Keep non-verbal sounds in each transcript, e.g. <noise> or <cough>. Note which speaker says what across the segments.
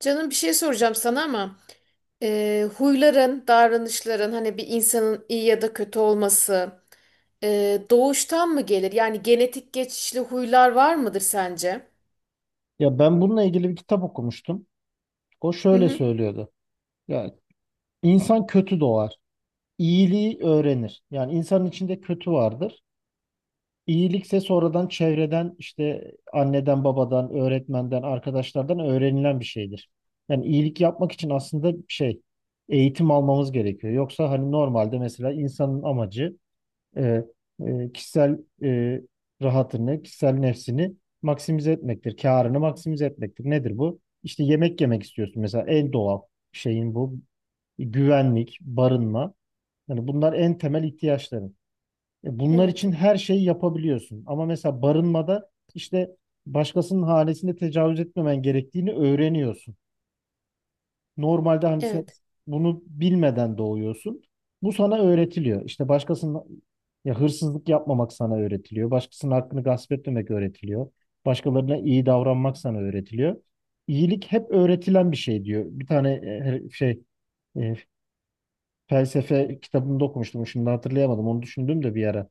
Speaker 1: Canım bir şey soracağım sana ama huyların, davranışların hani bir insanın iyi ya da kötü olması doğuştan mı gelir? Yani genetik geçişli huylar var mıdır sence?
Speaker 2: Ya ben bununla ilgili bir kitap okumuştum. O
Speaker 1: Hı
Speaker 2: şöyle
Speaker 1: hı.
Speaker 2: söylüyordu. Ya insan kötü doğar, iyiliği öğrenir. Yani insanın içinde kötü vardır. İyilikse sonradan çevreden işte anneden, babadan, öğretmenden, arkadaşlardan öğrenilen bir şeydir. Yani iyilik yapmak için aslında eğitim almamız gerekiyor. Yoksa hani normalde mesela insanın amacı e, kişisel rahatını, kişisel nefsini maksimize etmektir. Kârını maksimize etmektir. Nedir bu? İşte yemek yemek istiyorsun mesela en doğal şeyin bu. Güvenlik, barınma. Yani bunlar en temel ihtiyaçların. Bunlar için
Speaker 1: Evet.
Speaker 2: her şeyi yapabiliyorsun. Ama mesela barınmada işte başkasının hanesine tecavüz etmemen gerektiğini öğreniyorsun. Normalde hani sen
Speaker 1: Evet.
Speaker 2: bunu bilmeden doğuyorsun. Bu sana öğretiliyor. İşte başkasının ya hırsızlık yapmamak sana öğretiliyor. Başkasının hakkını gasp etmemek öğretiliyor. Başkalarına iyi davranmak sana öğretiliyor. İyilik hep öğretilen bir şey diyor. Bir tane e, şey e, felsefe kitabında okumuştum. Şimdi hatırlayamadım. Onu düşündüm de bir ara.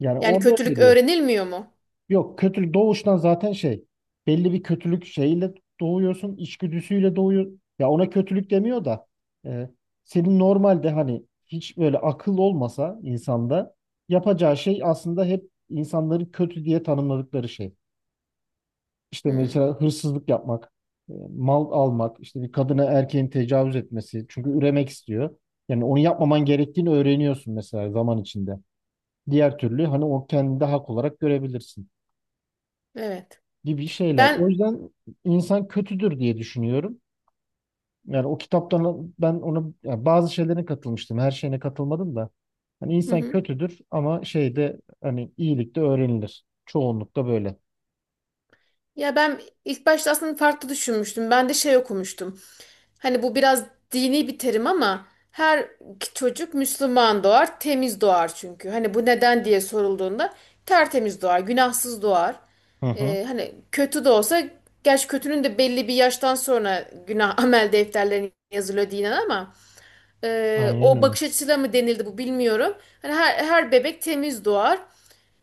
Speaker 2: Yani
Speaker 1: Yani
Speaker 2: orada öyle
Speaker 1: kötülük
Speaker 2: diyor.
Speaker 1: öğrenilmiyor mu?
Speaker 2: Yok, kötülük doğuştan zaten belli bir kötülük şeyiyle doğuyorsun, içgüdüsüyle doğuyor. Ya ona kötülük demiyor da e, senin normalde hani hiç böyle akıl olmasa insanda yapacağı şey aslında hep insanların kötü diye tanımladıkları şey. İşte
Speaker 1: Hı,
Speaker 2: mesela hırsızlık yapmak, mal almak, işte bir kadına erkeğin tecavüz etmesi, çünkü üremek istiyor. Yani onu yapmaman gerektiğini öğreniyorsun mesela zaman içinde. Diğer türlü hani o kendini de hak olarak görebilirsin
Speaker 1: evet.
Speaker 2: gibi şeyler. O
Speaker 1: Ben
Speaker 2: yüzden insan kötüdür diye düşünüyorum. Yani o kitaptan ben ona yani bazı şeylerine katılmıştım. Her şeyine katılmadım da. Hani
Speaker 1: hı
Speaker 2: insan
Speaker 1: hı.
Speaker 2: kötüdür ama şeyde hani iyilik de öğrenilir. Çoğunlukla böyle.
Speaker 1: Ya ben ilk başta aslında farklı düşünmüştüm. Ben de şey okumuştum. Hani bu biraz dini bir terim ama her çocuk Müslüman doğar, temiz doğar çünkü. Hani bu neden diye sorulduğunda tertemiz doğar, günahsız doğar.
Speaker 2: Hı hı.
Speaker 1: Hani kötü de olsa, gerçi kötünün de belli bir yaştan sonra günah <laughs> amel defterlerine yazılıyor dinen ama
Speaker 2: Aynen
Speaker 1: o
Speaker 2: öyle.
Speaker 1: bakış açısıyla mı denildi bu bilmiyorum. Hani her bebek temiz doğar.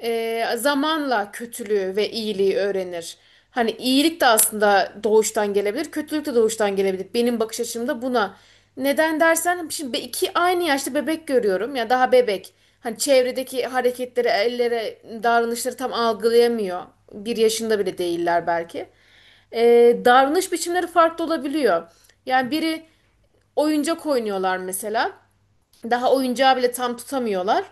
Speaker 1: Zamanla kötülüğü ve iyiliği öğrenir. Hani iyilik de aslında doğuştan gelebilir, kötülük de doğuştan gelebilir. Benim bakış açımda buna. Neden dersen şimdi iki aynı yaşta bebek görüyorum ya daha bebek. Hani çevredeki hareketleri, ellere, davranışları tam algılayamıyor. 1 yaşında bile değiller belki davranış biçimleri farklı olabiliyor. Yani biri oyuncak oynuyorlar mesela. Daha oyuncağı bile tam tutamıyorlar.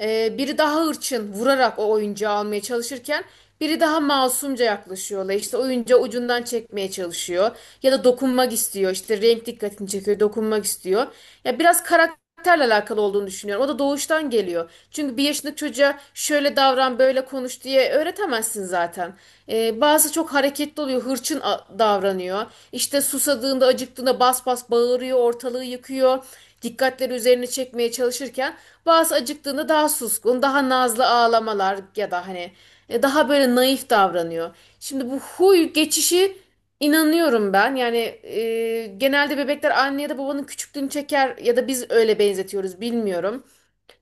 Speaker 1: Biri daha hırçın vurarak o oyuncağı almaya çalışırken biri daha masumca yaklaşıyorlar. İşte oyuncağı ucundan çekmeye çalışıyor ya da dokunmak istiyor. İşte renk dikkatini çekiyor, dokunmak istiyor. Ya biraz karakterle alakalı olduğunu düşünüyorum. O da doğuştan geliyor. Çünkü 1 yaşındaki çocuğa şöyle davran, böyle konuş diye öğretemezsin zaten. Bazı çok hareketli oluyor, hırçın davranıyor. İşte susadığında, acıktığında bas bas bağırıyor, ortalığı yıkıyor dikkatleri üzerine çekmeye çalışırken bazı acıktığında daha suskun, daha nazlı ağlamalar ya da hani daha böyle naif davranıyor. Şimdi bu huy geçişi inanıyorum ben. Yani genelde bebekler anne ya da babanın küçüklüğünü çeker ya da biz öyle benzetiyoruz bilmiyorum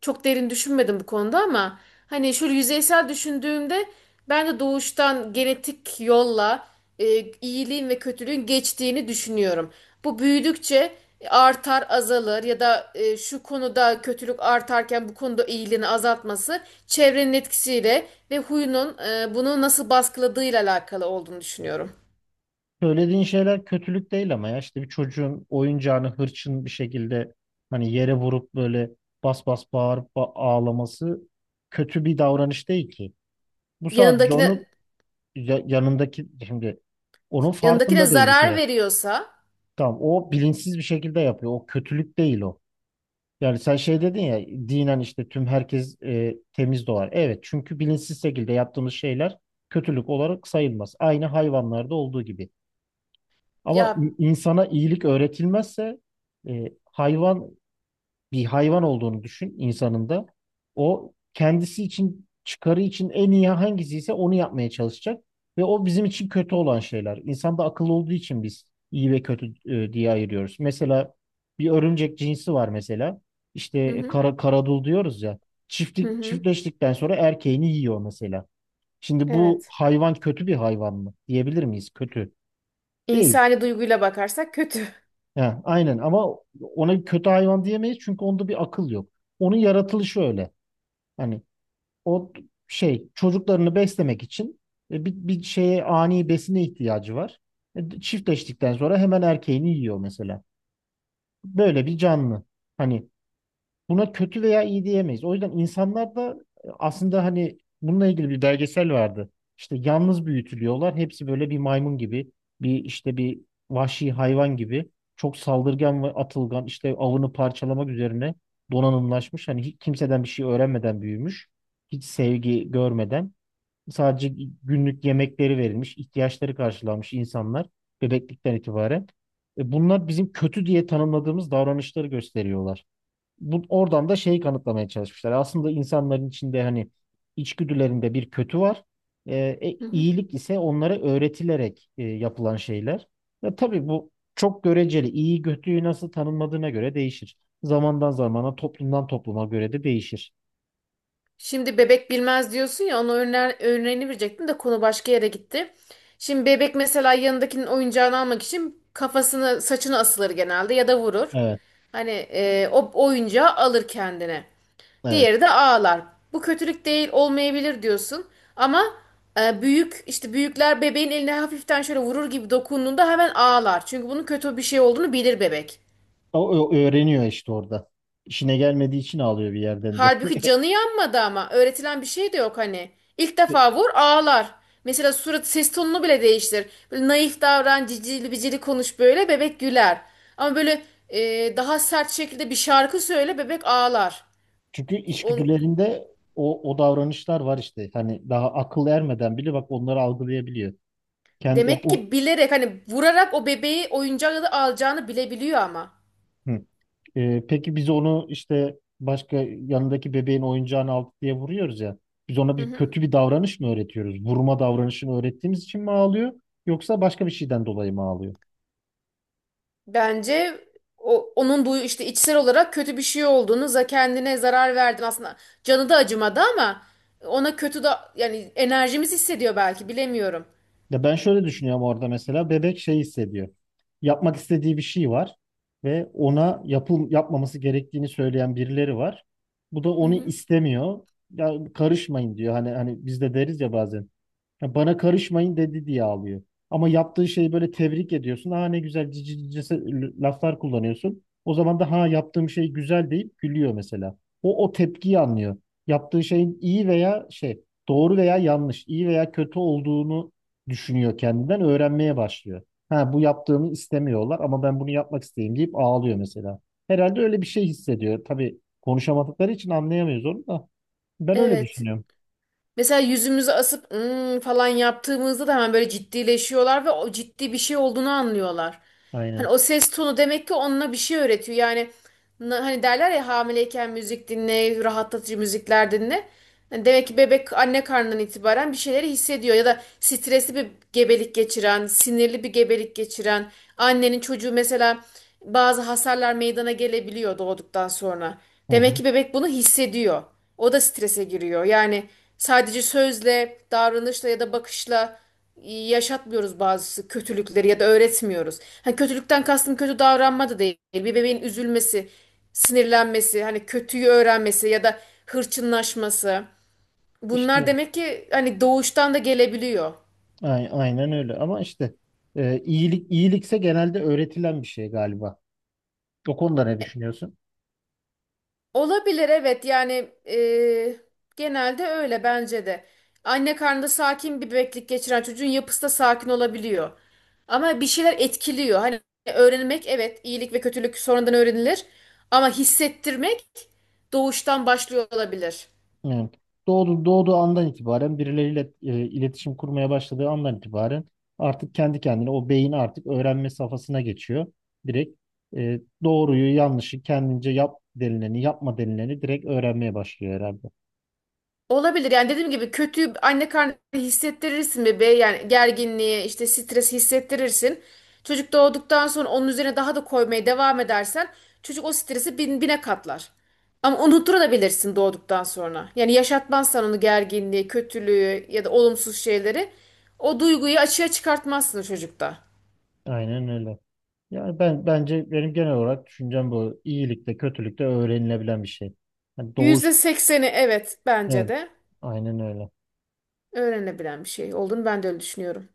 Speaker 1: çok derin düşünmedim bu konuda ama hani şöyle yüzeysel düşündüğümde ben de doğuştan genetik yolla iyiliğin ve kötülüğün geçtiğini düşünüyorum. Bu büyüdükçe artar, azalır ya da şu konuda kötülük artarken bu konuda iyiliğini azaltması çevrenin etkisiyle ve huyunun bunu nasıl baskıladığıyla alakalı olduğunu düşünüyorum.
Speaker 2: Söylediğin şeyler kötülük değil, ama ya işte bir çocuğun oyuncağını hırçın bir şekilde hani yere vurup böyle bas bas bağırıp ağlaması kötü bir davranış değil ki. Bu sadece
Speaker 1: Yanındakine
Speaker 2: onun yanındaki, şimdi onun
Speaker 1: Yanındakine
Speaker 2: farkında değil bir
Speaker 1: zarar
Speaker 2: kere.
Speaker 1: veriyorsa
Speaker 2: Tamam, o bilinçsiz bir şekilde yapıyor. O kötülük değil o. Yani sen şey dedin ya, dinen işte tüm herkes temiz doğar. Evet, çünkü bilinçsiz şekilde yaptığımız şeyler kötülük olarak sayılmaz. Aynı hayvanlarda olduğu gibi. Ama
Speaker 1: ya,
Speaker 2: insana iyilik öğretilmezse e, hayvan bir hayvan olduğunu düşün insanın da. O kendisi için, çıkarı için en iyi hangisi ise onu yapmaya çalışacak. Ve o bizim için kötü olan şeyler. İnsan da akıllı olduğu için biz iyi ve kötü diye ayırıyoruz. Mesela bir örümcek cinsi var mesela. İşte
Speaker 1: hı hı,
Speaker 2: karadul diyoruz ya.
Speaker 1: hı hı,
Speaker 2: Çiftleştikten sonra erkeğini yiyor mesela. Şimdi bu
Speaker 1: evet.
Speaker 2: hayvan kötü bir hayvan mı? Diyebilir miyiz? Kötü. Değil.
Speaker 1: İnsani duyguyla bakarsak kötü.
Speaker 2: Ha, aynen, ama ona kötü hayvan diyemeyiz çünkü onda bir akıl yok. Onun yaratılışı öyle. Hani o çocuklarını beslemek için bir şeye, ani besine ihtiyacı var. Çiftleştikten sonra hemen erkeğini yiyor mesela. Böyle bir canlı. Hani buna kötü veya iyi diyemeyiz. O yüzden insanlar da aslında hani bununla ilgili bir belgesel vardı. İşte yalnız büyütülüyorlar. Hepsi böyle bir maymun gibi, bir vahşi hayvan gibi. Çok saldırgan ve atılgan, işte avını parçalamak üzerine donanımlaşmış. Hani hiç kimseden bir şey öğrenmeden büyümüş. Hiç sevgi görmeden. Sadece günlük yemekleri verilmiş, ihtiyaçları karşılanmış insanlar bebeklikten itibaren. Bunlar bizim kötü diye tanımladığımız davranışları gösteriyorlar. Bu oradan da şeyi kanıtlamaya çalışmışlar. Aslında insanların içinde hani içgüdülerinde bir kötü var.
Speaker 1: Hı hı.
Speaker 2: İyilik ise onlara öğretilerek yapılan şeyler. Ve tabii bu çok göreceli. İyi kötüyü nasıl tanımladığına göre değişir. Zamandan zamana, toplumdan topluma göre de değişir.
Speaker 1: Şimdi bebek bilmez diyorsun ya, ona örneğini verecektim de konu başka yere gitti. Şimdi bebek mesela yanındakinin oyuncağını almak için kafasını saçını asılır genelde ya da vurur.
Speaker 2: Evet,
Speaker 1: Hani o oyuncağı alır kendine.
Speaker 2: evet.
Speaker 1: Diğeri de ağlar. Bu kötülük değil, olmayabilir diyorsun. Ama büyük işte büyükler bebeğin eline hafiften şöyle vurur gibi dokunduğunda hemen ağlar. Çünkü bunun kötü bir şey olduğunu bilir bebek.
Speaker 2: O, o öğreniyor işte orada. İşine gelmediği için ağlıyor bir yerden de.
Speaker 1: Halbuki canı yanmadı ama. Öğretilen bir şey de yok hani. İlk defa
Speaker 2: <laughs>
Speaker 1: vur, ağlar. Mesela surat ses tonunu bile değiştir. Böyle naif davran, cicili bicili konuş, böyle bebek güler. Ama böyle daha sert şekilde bir şarkı söyle, bebek ağlar.
Speaker 2: Çünkü
Speaker 1: Onu,
Speaker 2: içgüdülerinde o, o davranışlar var işte. Hani daha akıl ermeden bile bak onları algılayabiliyor. Kendi, ya
Speaker 1: Demek
Speaker 2: o,
Speaker 1: ki bilerek hani vurarak o bebeği oyuncağı da alacağını bilebiliyor ama.
Speaker 2: hı. Peki biz onu işte yanındaki bebeğin oyuncağını aldık diye vuruyoruz ya. Biz ona
Speaker 1: Hı
Speaker 2: bir
Speaker 1: hı.
Speaker 2: kötü bir davranış mı öğretiyoruz? Vurma davranışını öğrettiğimiz için mi ağlıyor? Yoksa başka bir şeyden dolayı mı ağlıyor?
Speaker 1: Bence onun bu işte içsel olarak kötü bir şey olduğunu za, kendine zarar verdin aslında. Canı da acımadı ama ona kötü da yani enerjimiz hissediyor belki, bilemiyorum.
Speaker 2: Ya ben şöyle düşünüyorum, orada mesela bebek şey hissediyor. Yapmak istediği bir şey var ve ona yapmaması gerektiğini söyleyen birileri var. Bu da
Speaker 1: Hı
Speaker 2: onu
Speaker 1: hı.
Speaker 2: istemiyor. Ya karışmayın diyor. Hani hani biz de deriz ya bazen. Ya bana karışmayın dedi diye ağlıyor. Ama yaptığı şeyi böyle tebrik ediyorsun. Ha, ne güzel, cici cici laflar kullanıyorsun. O zaman da ha yaptığım şey güzel deyip gülüyor mesela. O o tepkiyi anlıyor. Yaptığı şeyin iyi veya doğru veya yanlış, iyi veya kötü olduğunu düşünüyor, kendinden öğrenmeye başlıyor. Ha bu yaptığımı istemiyorlar ama ben bunu yapmak isteyeyim deyip ağlıyor mesela. Herhalde öyle bir şey hissediyor. Tabii konuşamadıkları için anlayamıyoruz onu da. Ben öyle
Speaker 1: Evet.
Speaker 2: düşünüyorum.
Speaker 1: Mesela yüzümüzü asıp "Hmm," falan yaptığımızda da hemen böyle ciddileşiyorlar ve o ciddi bir şey olduğunu anlıyorlar. Hani
Speaker 2: Aynen.
Speaker 1: o ses tonu demek ki onunla bir şey öğretiyor. Yani hani derler ya, hamileyken müzik dinle, rahatlatıcı müzikler dinle. Yani demek ki bebek anne karnından itibaren bir şeyleri hissediyor. Ya da stresli bir gebelik geçiren, sinirli bir gebelik geçiren annenin çocuğu, mesela bazı hasarlar meydana gelebiliyor doğduktan sonra.
Speaker 2: Hı
Speaker 1: Demek
Speaker 2: hı.
Speaker 1: ki bebek bunu hissediyor. O da strese giriyor. Yani sadece sözle, davranışla ya da bakışla yaşatmıyoruz bazı kötülükleri ya da öğretmiyoruz. Hani kötülükten kastım kötü davranma da değil. Bir bebeğin üzülmesi, sinirlenmesi, hani kötüyü öğrenmesi ya da hırçınlaşması. Bunlar
Speaker 2: İşte
Speaker 1: demek ki hani doğuştan da gelebiliyor.
Speaker 2: Aynen öyle, ama işte iyilikse genelde öğretilen bir şey galiba. O konuda ne düşünüyorsun?
Speaker 1: Olabilir, evet, yani genelde öyle bence de. Anne karnında sakin bir bebeklik geçiren çocuğun yapısı da sakin olabiliyor. Ama bir şeyler etkiliyor. Hani öğrenmek, evet, iyilik ve kötülük sonradan öğrenilir. Ama hissettirmek doğuştan başlıyor olabilir.
Speaker 2: Yani doğduğu andan itibaren birileriyle iletişim kurmaya başladığı andan itibaren artık kendi kendine o beyin artık öğrenme safhasına geçiyor. Direkt doğruyu yanlışı kendince, yap denileni, yapma denileni direkt öğrenmeye başlıyor herhalde.
Speaker 1: Olabilir yani, dediğim gibi kötü anne karnı hissettirirsin bebeğe, yani gerginliği işte, stres hissettirirsin. Çocuk doğduktan sonra onun üzerine daha da koymaya devam edersen çocuk o stresi bine katlar. Ama unutturabilirsin doğduktan sonra. Yani yaşatmazsan onu, gerginliği, kötülüğü ya da olumsuz şeyleri, o duyguyu açığa çıkartmazsın çocukta.
Speaker 2: Aynen öyle. Yani ben bence benim genel olarak düşüncem bu. İyilikte kötülükte öğrenilebilen bir şey. Yani
Speaker 1: %80'i evet, bence
Speaker 2: evet,
Speaker 1: de
Speaker 2: aynen öyle.
Speaker 1: öğrenebilen bir şey olduğunu ben de öyle düşünüyorum.